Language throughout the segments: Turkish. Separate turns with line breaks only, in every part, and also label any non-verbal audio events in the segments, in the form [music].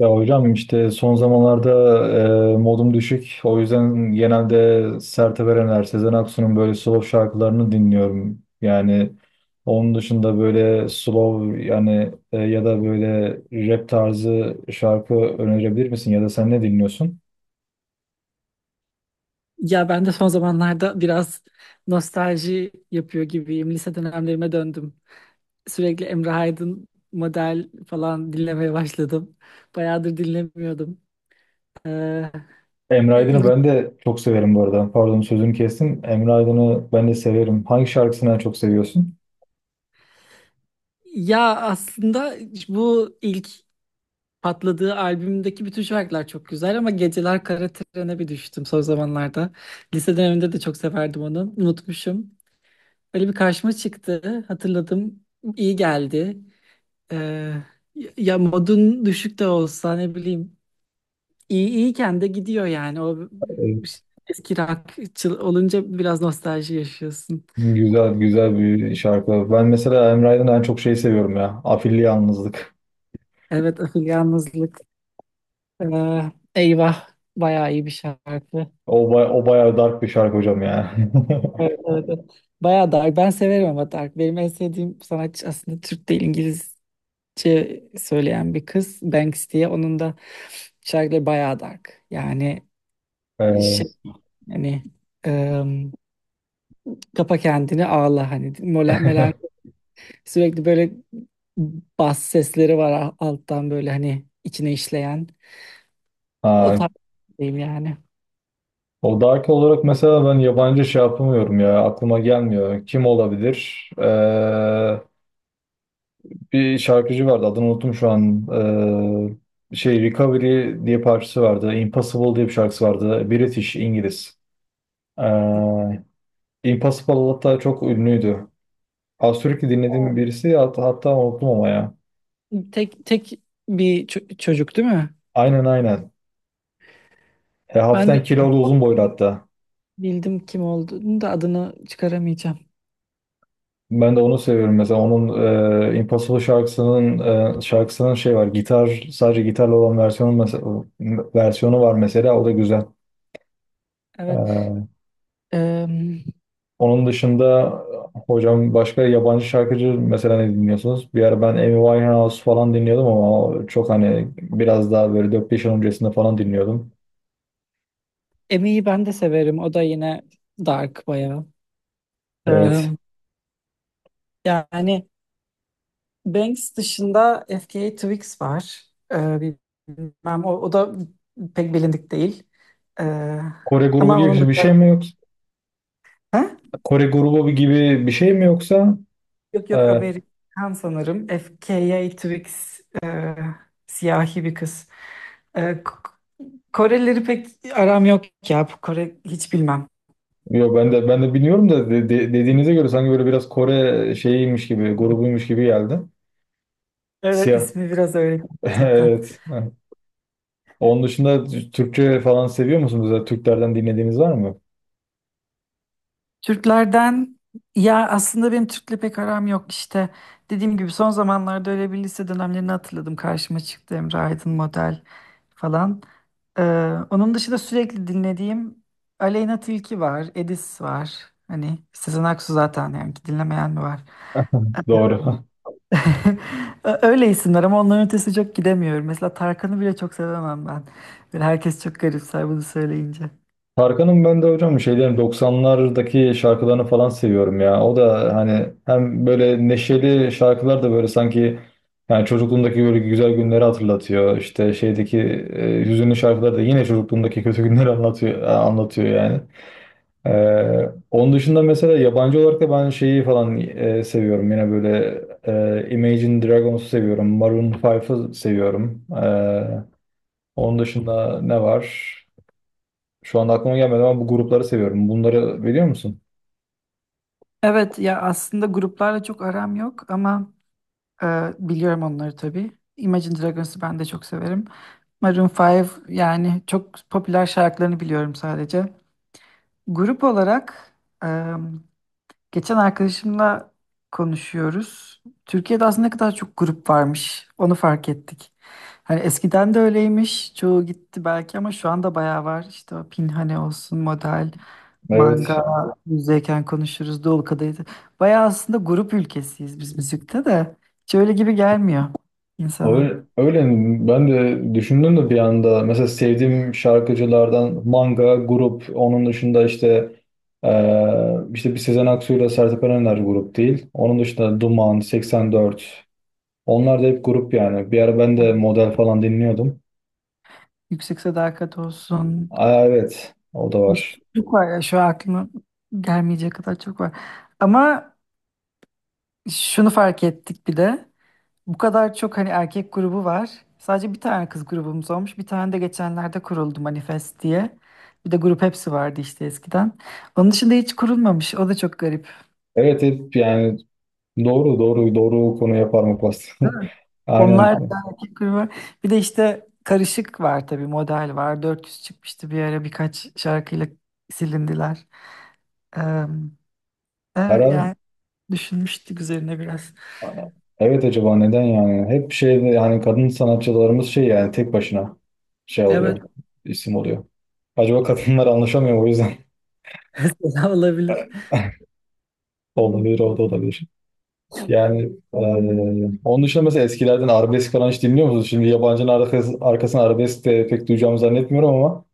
Ya hocam işte son zamanlarda modum düşük. O yüzden genelde sert Erener, Sezen Aksu'nun böyle slow şarkılarını dinliyorum. Yani onun dışında böyle slow yani ya da böyle rap tarzı şarkı önerebilir misin? Ya da sen ne dinliyorsun?
Ya ben de son zamanlarda biraz nostalji yapıyor gibiyim. Lise dönemlerime döndüm. Sürekli Emre Aydın model falan dinlemeye başladım. Bayağıdır dinlemiyordum. Ee,
Emre Aydın'ı ben de çok severim bu arada. Pardon sözünü kestim. Emre Aydın'ı ben de severim. Hangi şarkısını en çok seviyorsun?
ya aslında bu ilk patladığı albümdeki bütün şarkılar çok güzel ama Geceler Kara Tren'e bir düştüm son zamanlarda. Lise döneminde de çok severdim onu. Unutmuşum. Öyle bir karşıma çıktı. Hatırladım. İyi geldi. Ee, ya modun düşük de olsa ne bileyim iyi iyiyken de gidiyor yani o
Evet.
ş- eski rockçı olunca biraz nostalji yaşıyorsun.
Güzel güzel bir şarkı. Ben mesela Emre Aydın'dan en çok şeyi seviyorum ya. Afilli Yalnızlık.
Evet [laughs] Ahıl Yalnızlık. Eyvah bayağı iyi bir şarkı.
O bayağı dark bir şarkı hocam ya. [laughs]
Evet, evet, evet. Bayağı dark. Ben severim ama dark. Benim en sevdiğim sanatçı aslında Türk değil İngilizce söyleyen bir kız. Banks diye. Onun da şarkıları bayağı dark. Yani şey
Ee,
hani Kapa kendini ağla hani melen
[laughs]
sürekli böyle bas sesleri var alttan böyle hani içine işleyen o
ha,
tarz diyeyim yani.
o dark olarak mesela ben yabancı şey yapamıyorum ya. Aklıma gelmiyor. Kim olabilir? Bir şarkıcı vardı. Adını unuttum şu an. Şey, Recovery diye parçası vardı. Impossible diye bir şarkısı vardı. British, İngiliz. Ee, Impossible hatta çok ünlüydü. Az sürekli dinlediğim birisi, hatta unuttum ama ya.
Tek tek bir çocuk değil mi?
Aynen, aynen. E,
Ben de
hafiften kilolu uzun boylu hatta.
Bildim kim olduğunu da adını çıkaramayacağım.
Ben de onu seviyorum. Mesela onun Impossible şarkısının şey var. Gitar, sadece gitarla olan versiyonu, mesela versiyonu var mesela, o da güzel.
Evet.
E,
Em,
Onun dışında hocam başka yabancı şarkıcı mesela ne dinliyorsunuz? Bir ara ben Amy Winehouse falan dinliyordum ama o çok hani biraz daha böyle 4-5 yıl öncesinde falan dinliyordum.
Emi'yi ben de severim. O da yine dark bayağı.
Evet.
Em, yani Banks dışında FKA Twigs var. E, bilmem o da pek bilindik değil. E,
Kore grubu
ama onun
gibi bir şey mi
dışında...
yoksa?
Ha?
Kore grubu gibi bir şey mi yoksa?
Yok
e,
yok Amerikan sanırım. FKA Twigs siyahi bir kız. E, K- Korelileri pek aram yok ya. Kore hiç bilmem.
Yo, ben de ben de bilmiyorum da dediğinize göre sanki böyle biraz Kore şeyiymiş gibi, grubuymuş gibi geldi.
Evet
Siyah.
ismi biraz öyle gerçekten.
[laughs] Evet. Onun dışında Türkçe falan seviyor musunuz? Ya Türklerden dinlediğiniz var mı?
Türklerden ya aslında benim Türk'le pek aram yok işte. Dediğim gibi son zamanlarda öyle bir lise dönemlerini hatırladım. Karşıma çıktı Emre Aydın model falan. Ee, onun dışında sürekli dinlediğim Aleyna Tilki var, Edis var. Hani Sezen Aksu zaten yani ki dinlemeyen mi var?
Doğru. [laughs]
[laughs] Öyle isimler ama onların ötesi çok gidemiyorum. Mesela Tarkan'ı bile çok sevemem ben. Böyle herkes çok garipser bunu söyleyince.
Tarkan'ın ben de hocam şeylerin 90'lardaki şarkılarını falan seviyorum ya. O da hani hem böyle neşeli şarkılar da böyle sanki yani çocukluğumdaki böyle güzel günleri hatırlatıyor. İşte şeydeki hüzünlü şarkılar da yine çocukluğumdaki kötü günleri anlatıyor yani. Onun dışında mesela yabancı olarak da ben şeyi falan seviyorum. Yine böyle Imagine Dragons'u seviyorum. Maroon 5'ı seviyorum. Onun dışında ne var? Şu anda aklıma gelmedi ama bu grupları seviyorum. Bunları biliyor musun?
Evet ya aslında gruplarla çok aram yok ama biliyorum onları tabii. Imagine Dragons'ı ben de çok severim. Maroon 5 yani çok popüler şarkılarını biliyorum sadece. Grup olarak Geçen arkadaşımla konuşuyoruz. Türkiye'de aslında ne kadar çok grup varmış. Onu fark ettik. Hani eskiden de öyleymiş. Çoğu gitti belki ama şu anda bayağı var. İşte o Pinhane olsun, Model,
Evet.
Manga, Müzeyken Konuşuruz, Dolu Kadehi. Bayağı aslında grup ülkesiyiz biz müzikte de. Hiç öyle gibi gelmiyor insana.
Öyle, öyle, ben de düşündüm de bir anda mesela sevdiğim şarkıcılardan Manga, grup, onun dışında işte işte bir Sezen Aksu ile Sertab Erener grup değil. Onun dışında Duman, 84, onlar da hep grup yani. Bir ara ben de model falan dinliyordum.
Yüksek Sadakat olsun.
Aa, evet o da
Bir sürü
var.
çok var ya şu an aklıma gelmeyecek kadar çok var. Ama şunu fark ettik bir de. Bu kadar çok hani erkek grubu var. Sadece bir tane kız grubumuz olmuş. Bir tane de geçenlerde kuruldu Manifest diye. Bir de grup hepsi vardı işte eskiden. Onun dışında hiç kurulmamış. O da çok garip.
Evet hep yani doğru, doğru, doğru konu yapar mı pasta?
Değil mi?
[laughs] Aynen.
Onlar da erkek grubu. Bir de işte karışık var tabii model var. 400 çıkmıştı bir ara birkaç şarkıyla silindiler. Ee, e,
Her
yani düşünmüştük üzerine biraz.
evet, acaba neden yani? Hep şeyde yani kadın sanatçılarımız şey yani tek başına şey
Evet.
oluyor. İsim oluyor. Acaba kadınlar anlaşamıyor mu, o yüzden.
[laughs] Mesela olabilir.
[laughs] Olabilir, o da olabilir. Yani onun dışında mesela eskilerden arabesk falan hiç dinliyor musunuz? Şimdi yabancının arkasına arabesk de pek duyacağımı zannetmiyorum ama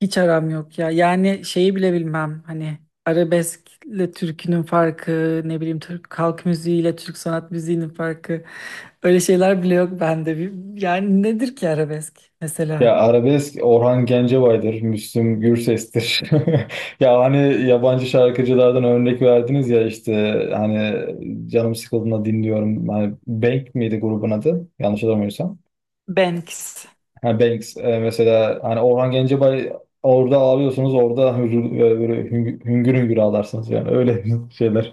Hiç aram yok ya. Yani şeyi bile bilmem. Hani arabeskle türkünün farkı, ne bileyim Türk halk müziğiyle Türk sanat müziğinin farkı. Öyle şeyler bile yok bende. Yani nedir ki arabesk
ya
mesela?
arabesk Orhan Gencebay'dır, Müslüm Gürses'tir. [laughs] Ya hani yabancı şarkıcılardan örnek verdiniz ya işte hani canım sıkıldığında dinliyorum. Hani Bank miydi grubun adı? Yanlış hatırlamıyorsam.
Banks.
Ha, Banks, mesela hani Orhan Gencebay, orada ağlıyorsunuz, orada hüngür, böyle hüngür, hüngür hüngür ağlarsınız yani, öyle [laughs] şeyler,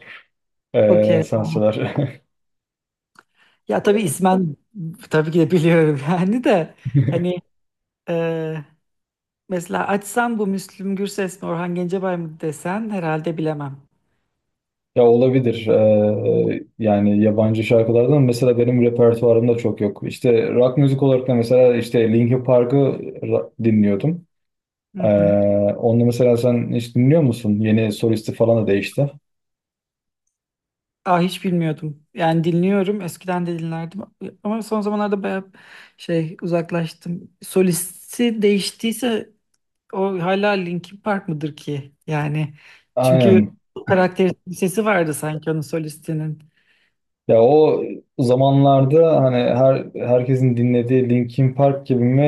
Okey.
sanatçılar. [laughs]
Ya tabii ismen tabii ki de biliyorum [laughs] yani de hani e, mesela açsam bu Müslüm Gürses mi Orhan Gencebay mı desen herhalde bilemem.
Ya olabilir. Yani yabancı şarkılardan mesela benim repertuarımda çok yok. İşte rock müzik olarak da mesela işte dinliyordum.
Hı
Ee,
hı.
Onu mesela sen hiç dinliyor musun? Yeni solisti falan da değişti.
Aa, hiç bilmiyordum. Yani dinliyorum. Eskiden de dinlerdim. Ama son zamanlarda bayağı şey uzaklaştım. Solisti değiştiyse o hala Linkin Park mıdır ki? Yani çünkü
Aynen.
karakteristik bir sesi vardı sanki onun solistinin.
Ya o zamanlarda hani herkesin dinlediği Linkin Park gibi mi?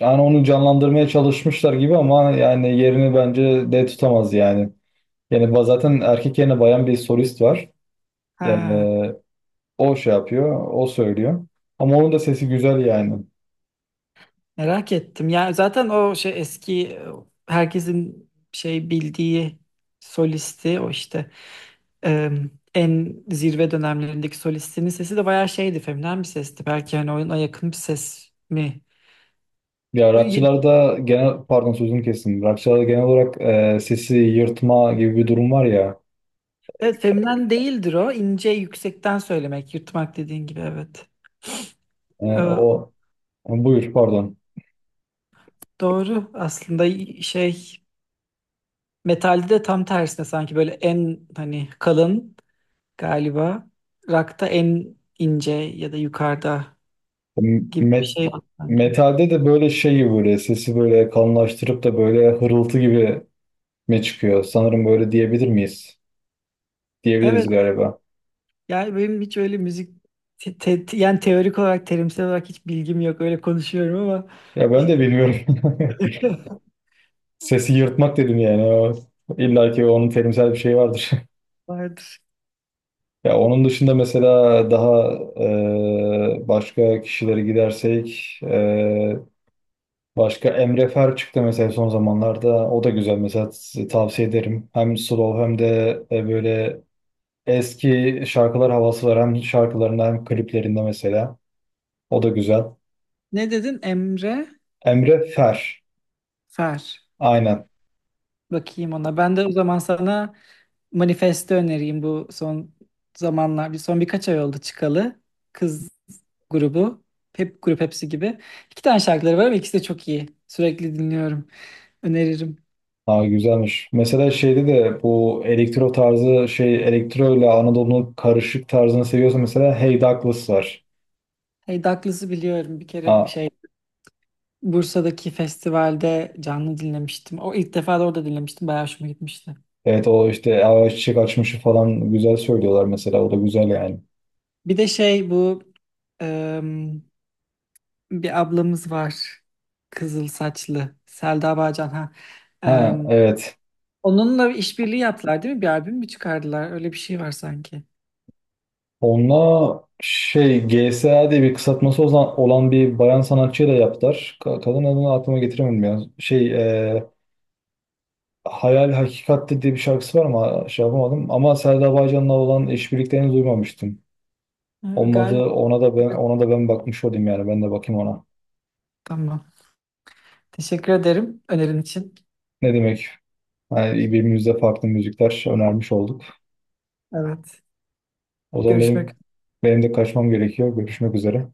Yani onu canlandırmaya çalışmışlar gibi ama yani yerini bence de tutamaz yani. Zaten erkek yerine bayan bir solist var.
Ha,
Ee, O şey yapıyor, o söylüyor. Ama onun da sesi güzel yani.
merak ettim. Yani zaten o şey eski herkesin şey bildiği solisti o işte e, en zirve dönemlerindeki solistinin sesi de bayağı şeydi, feminen bir sesti. Belki hani oyuna yakın bir ses mi
Ya
Evet,
rockçılarda genel, pardon sözünü kestim. Rockçılarda genel olarak sesi yırtma gibi bir durum var ya.
feminen değildir o. İnce yüksekten söylemek, yırtmak dediğin gibi evet.
E,
Ee,
o Buyur pardon.
doğru. Aslında şey metalde de tam tersine sanki böyle en hani kalın galiba. Rakta en ince ya da yukarıda bir
Met,
şey var sanki.
Metalde de böyle şeyi böyle sesi böyle kalınlaştırıp da böyle hırıltı gibi mi çıkıyor? Sanırım böyle diyebilir miyiz?
Evet.
Diyebiliriz galiba.
Yani benim hiç öyle müzik yani teorik olarak terimsel olarak hiç bilgim yok. Öyle konuşuyorum ama
Ya ben de bilmiyorum. [laughs]
[laughs]
Sesi yırtmak dedim yani. O, illa ki onun terimsel bir şeyi vardır. [laughs]
vardır.
Ya onun dışında mesela daha başka kişilere gidersek, başka Emre Fer çıktı mesela son zamanlarda. O da güzel, mesela size tavsiye ederim. Hem slow hem de böyle eski şarkılar havası var. Hem şarkılarında hem kliplerinde mesela. O da güzel.
Ne dedin? Emre
Emre Fer.
Fer.
Aynen.
Bakayım ona. Ben de o zaman sana manifesto önereyim bu son zamanlar. Bir son birkaç ay oldu çıkalı. Kız grubu. Hep grup hepsi gibi. İki tane şarkıları var ama ikisi de çok iyi. Sürekli dinliyorum. Öneririm.
Ha, güzelmiş. Mesela şeyde de bu elektro tarzı şey, elektro ile Anadolu'nun karışık tarzını seviyorsa mesela Hey Douglas var.
Hey Douglas'ı biliyorum. Bir kere
Ha,
şey Bursa'daki festivalde canlı dinlemiştim. O ilk defa da orada dinlemiştim. Bayağı hoşuma gitmişti.
evet, o işte Ay Çiçek Açmış'ı falan güzel söylüyorlar mesela. O da güzel yani.
Bir de şey bu em, bir ablamız var. Kızıl saçlı. Selda Bağcan ha.
Ha, evet.
Onunla bir işbirliği yaptılar değil mi? Bir albüm mü çıkardılar? Öyle bir şey var sanki.
Onunla şey GSA diye bir kısaltması olan bir bayan sanatçıyla yaptılar. Kadın adını aklıma getiremedim ya. Şey, e, Hayal Hakikatte diye bir şarkısı var ama şey yapamadım. Ama Selda Bağcan'la olan işbirliklerini duymamıştım.
Ha,
Olmadı,
Galiba.
ona da ben bakmış olayım yani, ben de bakayım ona.
Tamam. Teşekkür ederim önerin için.
Ne demek? Yani birbirimize farklı müzikler önermiş olduk.
Evet.
O zaman
Görüşmek
benim de kaçmam gerekiyor. Görüşmek üzere.